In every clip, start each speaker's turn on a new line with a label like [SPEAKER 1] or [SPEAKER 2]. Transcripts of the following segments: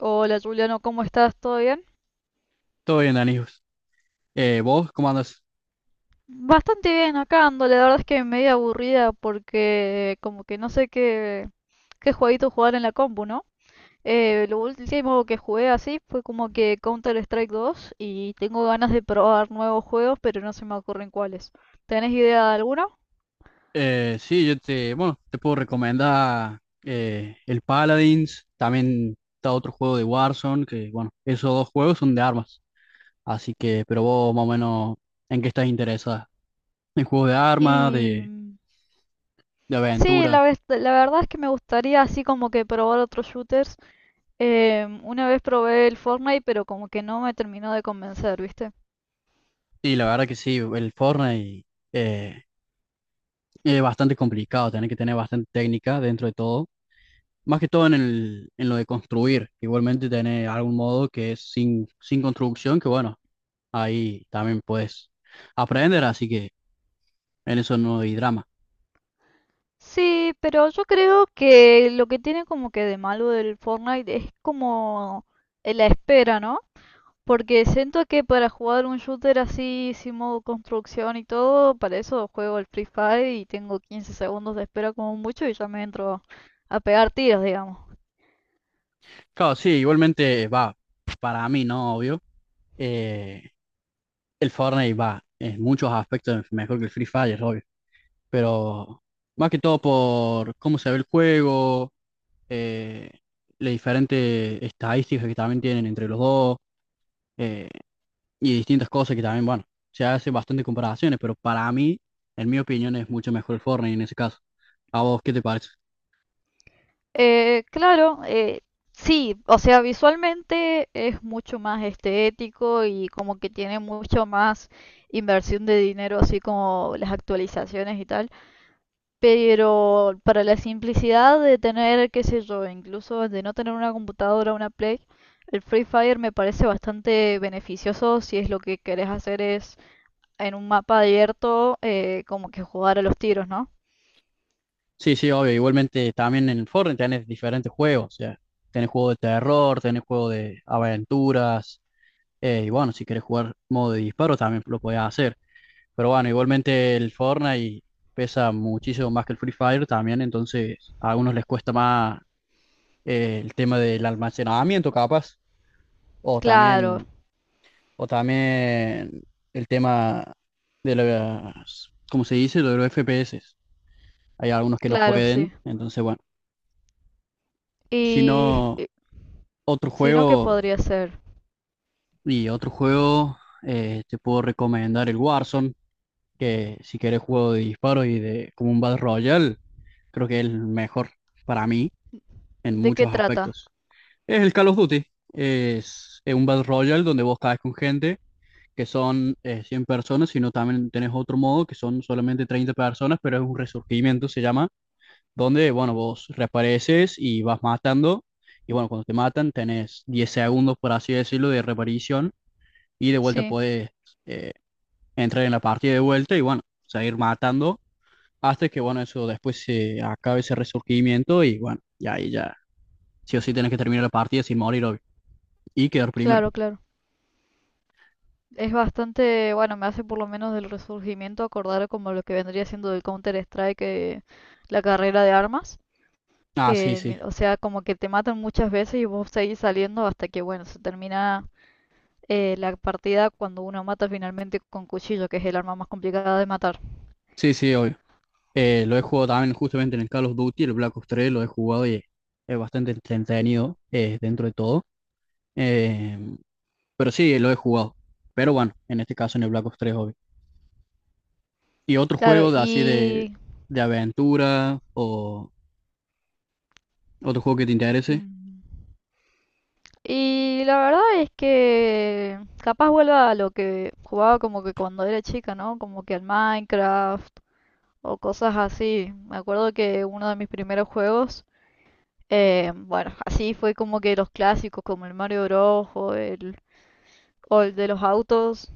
[SPEAKER 1] Hola Juliano, ¿cómo estás? ¿Todo bien?
[SPEAKER 2] Todo bien, Danijos. ¿Vos cómo andas?
[SPEAKER 1] Bastante bien acá ando, la verdad es que medio aburrida porque como que no sé qué, qué jueguito jugar en la compu, ¿no? Lo último que jugué así fue como que Counter-Strike 2 y tengo ganas de probar nuevos juegos, pero no se me ocurren cuáles. ¿Tenés idea de alguno?
[SPEAKER 2] Sí, yo te, bueno, te puedo recomendar el Paladins, también está otro juego de Warzone, que bueno, esos dos juegos son de armas. Así que, pero vos más o menos, ¿en qué estás interesada? ¿En juegos de armas,
[SPEAKER 1] Y
[SPEAKER 2] de,
[SPEAKER 1] mm,
[SPEAKER 2] de
[SPEAKER 1] sí,
[SPEAKER 2] aventura?
[SPEAKER 1] la verdad es que me gustaría así como que probar otros shooters. Una vez probé el Fortnite, pero como que no me terminó de convencer, ¿viste?
[SPEAKER 2] Y la verdad que sí, el Fortnite eh, bastante complicado, tiene que tener bastante técnica dentro de todo, más que todo en lo de construir, igualmente tener algún modo que es sin construcción, que bueno, ahí también puedes aprender, así que en eso no hay drama.
[SPEAKER 1] Sí, pero yo creo que lo que tiene como que de malo del Fortnite es como la espera, ¿no? Porque siento que para jugar un shooter así, sin modo construcción y todo, para eso juego el Free Fire y tengo 15 segundos de espera como mucho y ya me entro a pegar tiros, digamos.
[SPEAKER 2] Claro, sí, igualmente va, para mí, ¿no? Obvio. eh, el Fortnite va en muchos aspectos mejor que el Free Fire, obvio. Pero más que todo por cómo se ve el juego, eh, las diferentes estadísticas que también tienen entre los dos, eh, y distintas cosas que también, bueno, se hacen bastantes comparaciones, pero para mí, en mi opinión, es mucho mejor el Fortnite en ese caso. ¿A vos qué te parece?
[SPEAKER 1] Eh, claro, eh, sí, o sea, visualmente es mucho más estético y como que tiene mucho más inversión de dinero, así como las actualizaciones y tal. Pero para la simplicidad de tener, qué sé yo, incluso de no tener una computadora, una Play, el Free Fire me parece bastante beneficioso si es lo que querés hacer es en un mapa abierto como que jugar a los tiros, ¿no?
[SPEAKER 2] Sí, sí, obvio. Igualmente también en el Fortnite tenés diferentes juegos. O sea, tenés juego de terror, tenés juego de aventuras. Y bueno, si querés jugar modo de disparo también lo podés hacer. Pero bueno, igualmente el Fortnite pesa muchísimo más que el Free Fire también. Entonces a algunos les cuesta más, el tema del almacenamiento capaz. O
[SPEAKER 1] Claro,
[SPEAKER 2] también, o también, el tema de las, ¿cómo se dice? Lo de los FPS. Hay algunos que no
[SPEAKER 1] claro,
[SPEAKER 2] pueden.
[SPEAKER 1] sí.
[SPEAKER 2] Entonces, bueno, si
[SPEAKER 1] Y,
[SPEAKER 2] no,
[SPEAKER 1] y
[SPEAKER 2] otro
[SPEAKER 1] si no, ¿qué
[SPEAKER 2] juego
[SPEAKER 1] podría ser?
[SPEAKER 2] y otro juego te puedo recomendar el Warzone, que si quieres juego de disparos y de como un Battle Royale, creo que es el mejor para mí en
[SPEAKER 1] ¿De qué
[SPEAKER 2] muchos
[SPEAKER 1] trata?
[SPEAKER 2] aspectos. Es el Call of Duty. Es un Battle Royale donde vos caes con gente que son 100 personas, sino también tenés otro modo que son solamente 30 personas, pero es un resurgimiento, se llama, donde, bueno, vos reapareces y vas matando, y bueno, cuando te matan tenés 10 segundos, por así decirlo, de reaparición, y de vuelta
[SPEAKER 1] Sí,
[SPEAKER 2] podés eh, entrar en la partida de vuelta y, bueno, seguir matando hasta que, bueno, eso después se acabe ese resurgimiento y, bueno, y ahí ya, sí o sí tenés que terminar la partida sin morir, obvio, y quedar primero.
[SPEAKER 1] claro, claro. Es bastante, bueno, me hace por lo menos del resurgimiento acordar como lo que vendría siendo del Counter-Strike, la carrera de armas.
[SPEAKER 2] Ah, sí, sí.
[SPEAKER 1] O sea, como que te matan muchas veces y vos seguís saliendo hasta que, bueno, se termina la partida cuando uno mata finalmente con cuchillo, que es el arma más complicada de matar.
[SPEAKER 2] Sí, sí, obvio. Lo he jugado también justamente en el Call of Duty, el Black Ops 3 lo he jugado y es bastante entretenido, dentro de todo. Eh, pero sí, lo he jugado. Pero bueno, en este caso en el Black Ops 3, obvio. ¿Y otro
[SPEAKER 1] Claro,
[SPEAKER 2] juego de, así de,
[SPEAKER 1] y...
[SPEAKER 2] de aventura, o otro juego que te interese?
[SPEAKER 1] mm, y la verdad es que capaz vuelva a lo que jugaba como que cuando era chica, ¿no? Como que al Minecraft o cosas así. Me acuerdo que uno de mis primeros juegos, bueno, así fue como que los clásicos como el Mario Bros. O el de los autos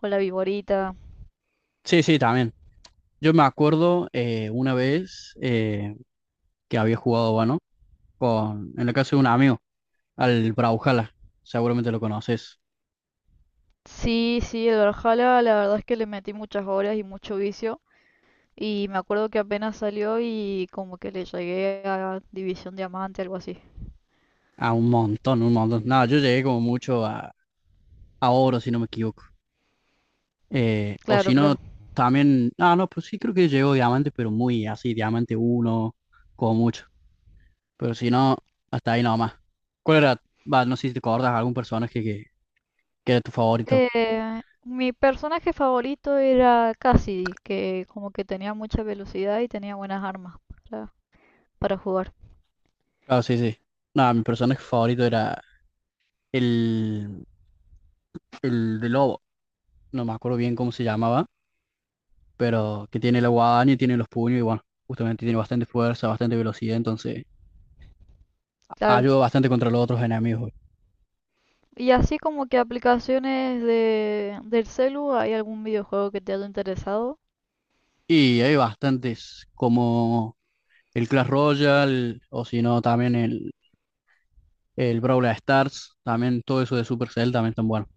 [SPEAKER 1] con la Viborita.
[SPEAKER 2] Sí, sí, también. Yo me acuerdo, una vez, que había jugado, bueno, en la casa de un amigo, al Brawlhalla. Seguramente lo conoces.
[SPEAKER 1] Sí, sí, el Valhalla, la verdad es que le metí muchas horas y mucho vicio. Y me acuerdo que apenas salió y como que le llegué a División Diamante, algo así.
[SPEAKER 2] A un montón, un montón. No, yo llegué como mucho a oro, si no me equivoco. O si
[SPEAKER 1] Claro,
[SPEAKER 2] no,
[SPEAKER 1] claro.
[SPEAKER 2] también. Ah, no, pues sí, creo que llegó diamante, pero muy así, diamante uno como mucho. Pero si no, hasta ahí nomás. ¿Cuál era? Va, no sé si te acuerdas algún personaje que era tu favorito.
[SPEAKER 1] Eh, Mi personaje favorito era Cassidy, que como que tenía mucha velocidad y tenía buenas armas para, para jugar.
[SPEAKER 2] Ah, sí, sí. No, mi personaje favorito era el, el de lobo. No me acuerdo bien cómo se llamaba, pero que tiene la guadaña y tiene los puños y bueno, justamente tiene bastante fuerza, bastante velocidad, entonces
[SPEAKER 1] Claro.
[SPEAKER 2] ayuda bastante contra los otros enemigos.
[SPEAKER 1] Y así como que aplicaciones de, del celu, ¿hay algún videojuego que te haya interesado?
[SPEAKER 2] Y hay bastantes, como el Clash Royale, o si no, también el Brawl Stars, también todo eso de Supercell también están buenos.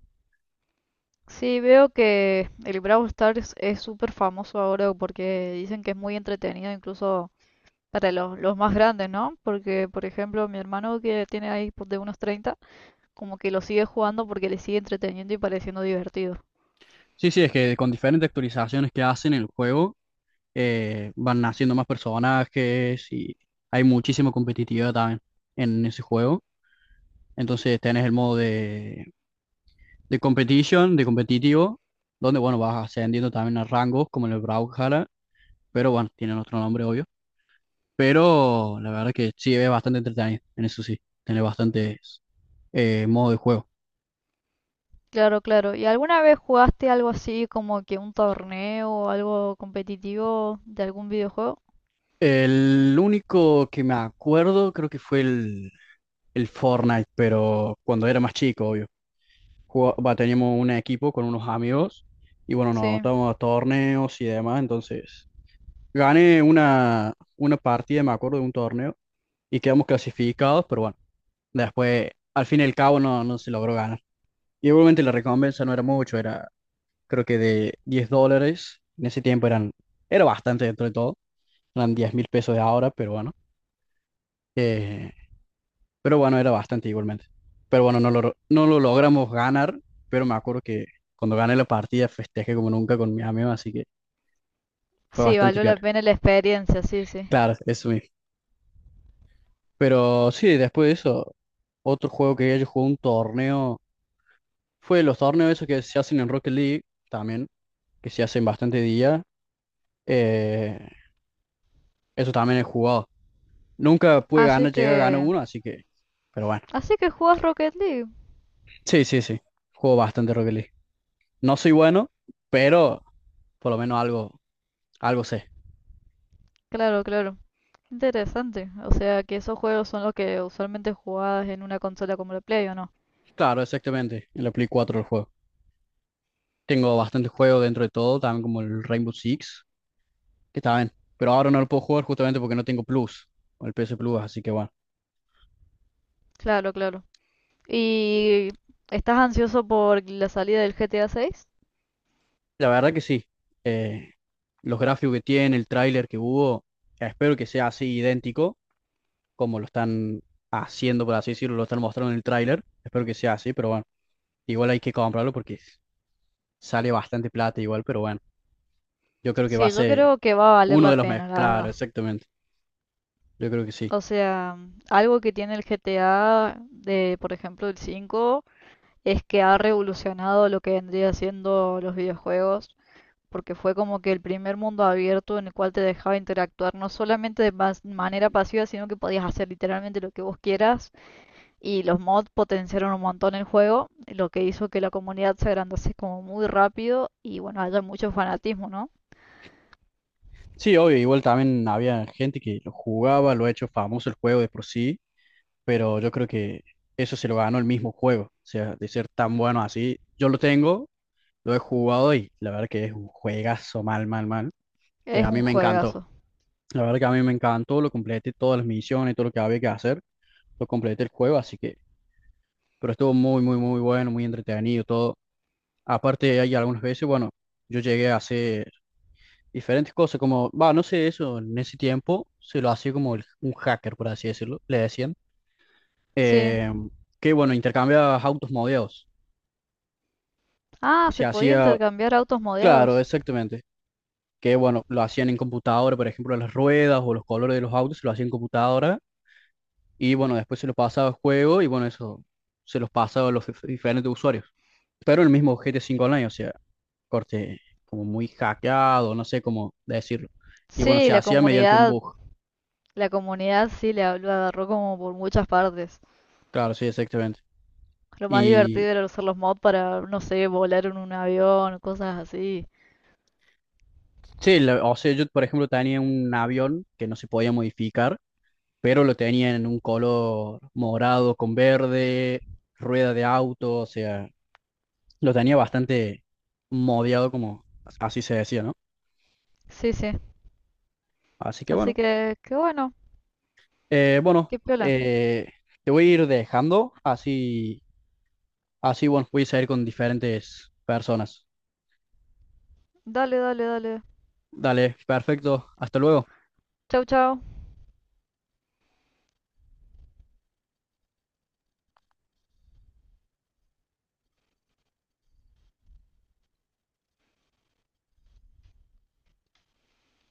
[SPEAKER 1] Sí, veo que el Brawl Stars es súper famoso ahora porque dicen que es muy entretenido incluso para los más grandes, ¿no? Porque, por ejemplo, mi hermano que tiene ahí pues, de unos 30, como que lo sigue jugando porque le sigue entreteniendo y pareciendo divertido.
[SPEAKER 2] Sí, sí, es que con diferentes actualizaciones que hacen el juego, van naciendo más personajes y hay muchísima competitividad también en ese juego. Entonces tenés el modo de competition, de competitivo, donde bueno, vas ascendiendo también a rangos como en el Brawlhalla, pero bueno, tienen otro nombre, obvio. Pero la verdad que sí, es bastante entretenido, en eso sí, tiene bastantes, modos de juego.
[SPEAKER 1] Claro, claro. ¿Y alguna vez jugaste algo así como que un torneo o algo competitivo de algún videojuego?
[SPEAKER 2] El único que me acuerdo creo que fue el Fortnite, pero cuando era más chico, obvio. Va, teníamos un equipo con unos amigos y bueno, nos
[SPEAKER 1] Sí.
[SPEAKER 2] estábamos a torneos y demás, entonces gané una partida, me acuerdo, de un torneo y quedamos clasificados, pero bueno, después, al fin y al cabo, no se logró ganar. Y obviamente la recompensa no era mucho, era creo que de 10 dólares, en ese tiempo eran, era bastante dentro de todo, eran 10.000 pesos de ahora, eh, pero bueno, era bastante igualmente. Pero bueno, no lo logramos ganar, pero me acuerdo que cuando gané la partida festejé como nunca con mis amigos, así que fue
[SPEAKER 1] Sí,
[SPEAKER 2] bastante
[SPEAKER 1] valió
[SPEAKER 2] peor.
[SPEAKER 1] la pena la experiencia, sí, sí.
[SPEAKER 2] Claro, eso mismo. Pero sí, después de eso, otro juego que yo jugué un torneo, fue los torneos esos que se hacen en Rocket League también, que se hacen bastante día. eh, eso también he jugado. Nunca pude
[SPEAKER 1] Así
[SPEAKER 2] ganar, llegué a ganar
[SPEAKER 1] que...
[SPEAKER 2] uno, así que, pero bueno.
[SPEAKER 1] así que juegas Rocket League.
[SPEAKER 2] Sí, sí, sí. Juego bastante Rocket League. No soy bueno, pero por lo menos algo sé.
[SPEAKER 1] Claro, claro. Interesante. O sea, que esos juegos son los que usualmente jugabas en una consola como la Play, ¿o no?
[SPEAKER 2] Claro, exactamente. En la Play 4 el juego. Tengo bastante juego dentro de todo, también como el Rainbow Six, que está bien. Pero ahora no lo puedo jugar justamente porque no tengo Plus, o el PS Plus, así que bueno.
[SPEAKER 1] Claro, claro. ¿Y estás ansioso por la salida del GTA 6?
[SPEAKER 2] La verdad que sí. Eh, los gráficos que tiene, el tráiler que hubo, espero que sea así idéntico como lo están haciendo, por así decirlo, lo están mostrando en el tráiler. Espero que sea así, pero bueno, igual hay que comprarlo porque sale bastante plata igual, pero bueno, yo creo que va a
[SPEAKER 1] Sí, yo
[SPEAKER 2] ser
[SPEAKER 1] creo que va a valer
[SPEAKER 2] uno
[SPEAKER 1] la
[SPEAKER 2] de los
[SPEAKER 1] pena,
[SPEAKER 2] mejores.
[SPEAKER 1] la verdad.
[SPEAKER 2] Claro, exactamente. Yo creo que sí.
[SPEAKER 1] O sea, algo que tiene el GTA de, por ejemplo, el 5 es que ha revolucionado lo que vendría siendo los videojuegos, porque fue como que el primer mundo abierto en el cual te dejaba interactuar no solamente de manera pasiva, sino que podías hacer literalmente lo que vos quieras. Y los mods potenciaron un montón el juego, lo que hizo que la comunidad se agrandase como muy rápido y bueno, haya mucho fanatismo, ¿no?
[SPEAKER 2] Sí, obvio, igual también había gente que lo jugaba, lo ha hecho famoso el juego de por sí, pero yo creo que eso se lo ganó el mismo juego, o sea, de ser tan bueno así. Yo lo tengo, lo he jugado y la verdad que es un juegazo mal, mal, mal, que
[SPEAKER 1] Es
[SPEAKER 2] a mí
[SPEAKER 1] un
[SPEAKER 2] me encantó.
[SPEAKER 1] juegazo.
[SPEAKER 2] La verdad que a mí me encantó, lo completé todas las misiones, todo lo que había que hacer, lo completé el juego, así que pero estuvo muy, muy, muy bueno, muy entretenido todo. Aparte, hay algunas veces, bueno, yo llegué a hacer diferentes cosas, como, va, no sé eso, en ese tiempo se lo hacía como un hacker, por así decirlo, le decían,
[SPEAKER 1] Sí.
[SPEAKER 2] eh, que bueno, intercambiabas autos modeados.
[SPEAKER 1] Ah,
[SPEAKER 2] Se
[SPEAKER 1] se podía
[SPEAKER 2] hacía,
[SPEAKER 1] intercambiar autos
[SPEAKER 2] claro,
[SPEAKER 1] modeados.
[SPEAKER 2] exactamente. Que bueno, lo hacían en computadora, por ejemplo, las ruedas o los colores de los autos, lo hacían en computadora. Y bueno, después se los pasaba al juego y bueno, eso se los pasaba a los diferentes usuarios. Pero el mismo gt 5 Online, o sea, corte como muy hackeado, no sé cómo decirlo. Y bueno,
[SPEAKER 1] Sí,
[SPEAKER 2] se hacía mediante un bug.
[SPEAKER 1] la comunidad sí le lo agarró como por muchas partes.
[SPEAKER 2] Claro, sí, exactamente.
[SPEAKER 1] Lo más
[SPEAKER 2] Y
[SPEAKER 1] divertido era usar los mods para, no sé, volar en un avión, cosas así.
[SPEAKER 2] sí, o sea, yo por ejemplo tenía un avión que no se podía modificar, pero lo tenía en un color morado con verde, rueda de auto, o sea, lo tenía bastante modiado, como así se decía, ¿no?
[SPEAKER 1] Sí, sí.
[SPEAKER 2] Así que bueno,
[SPEAKER 1] Así que, qué bueno,
[SPEAKER 2] bueno,
[SPEAKER 1] qué piola.
[SPEAKER 2] te voy a ir dejando, así, bueno, voy a salir con diferentes personas.
[SPEAKER 1] Dale, dale, dale.
[SPEAKER 2] Dale, perfecto, hasta luego.
[SPEAKER 1] Chau, chau.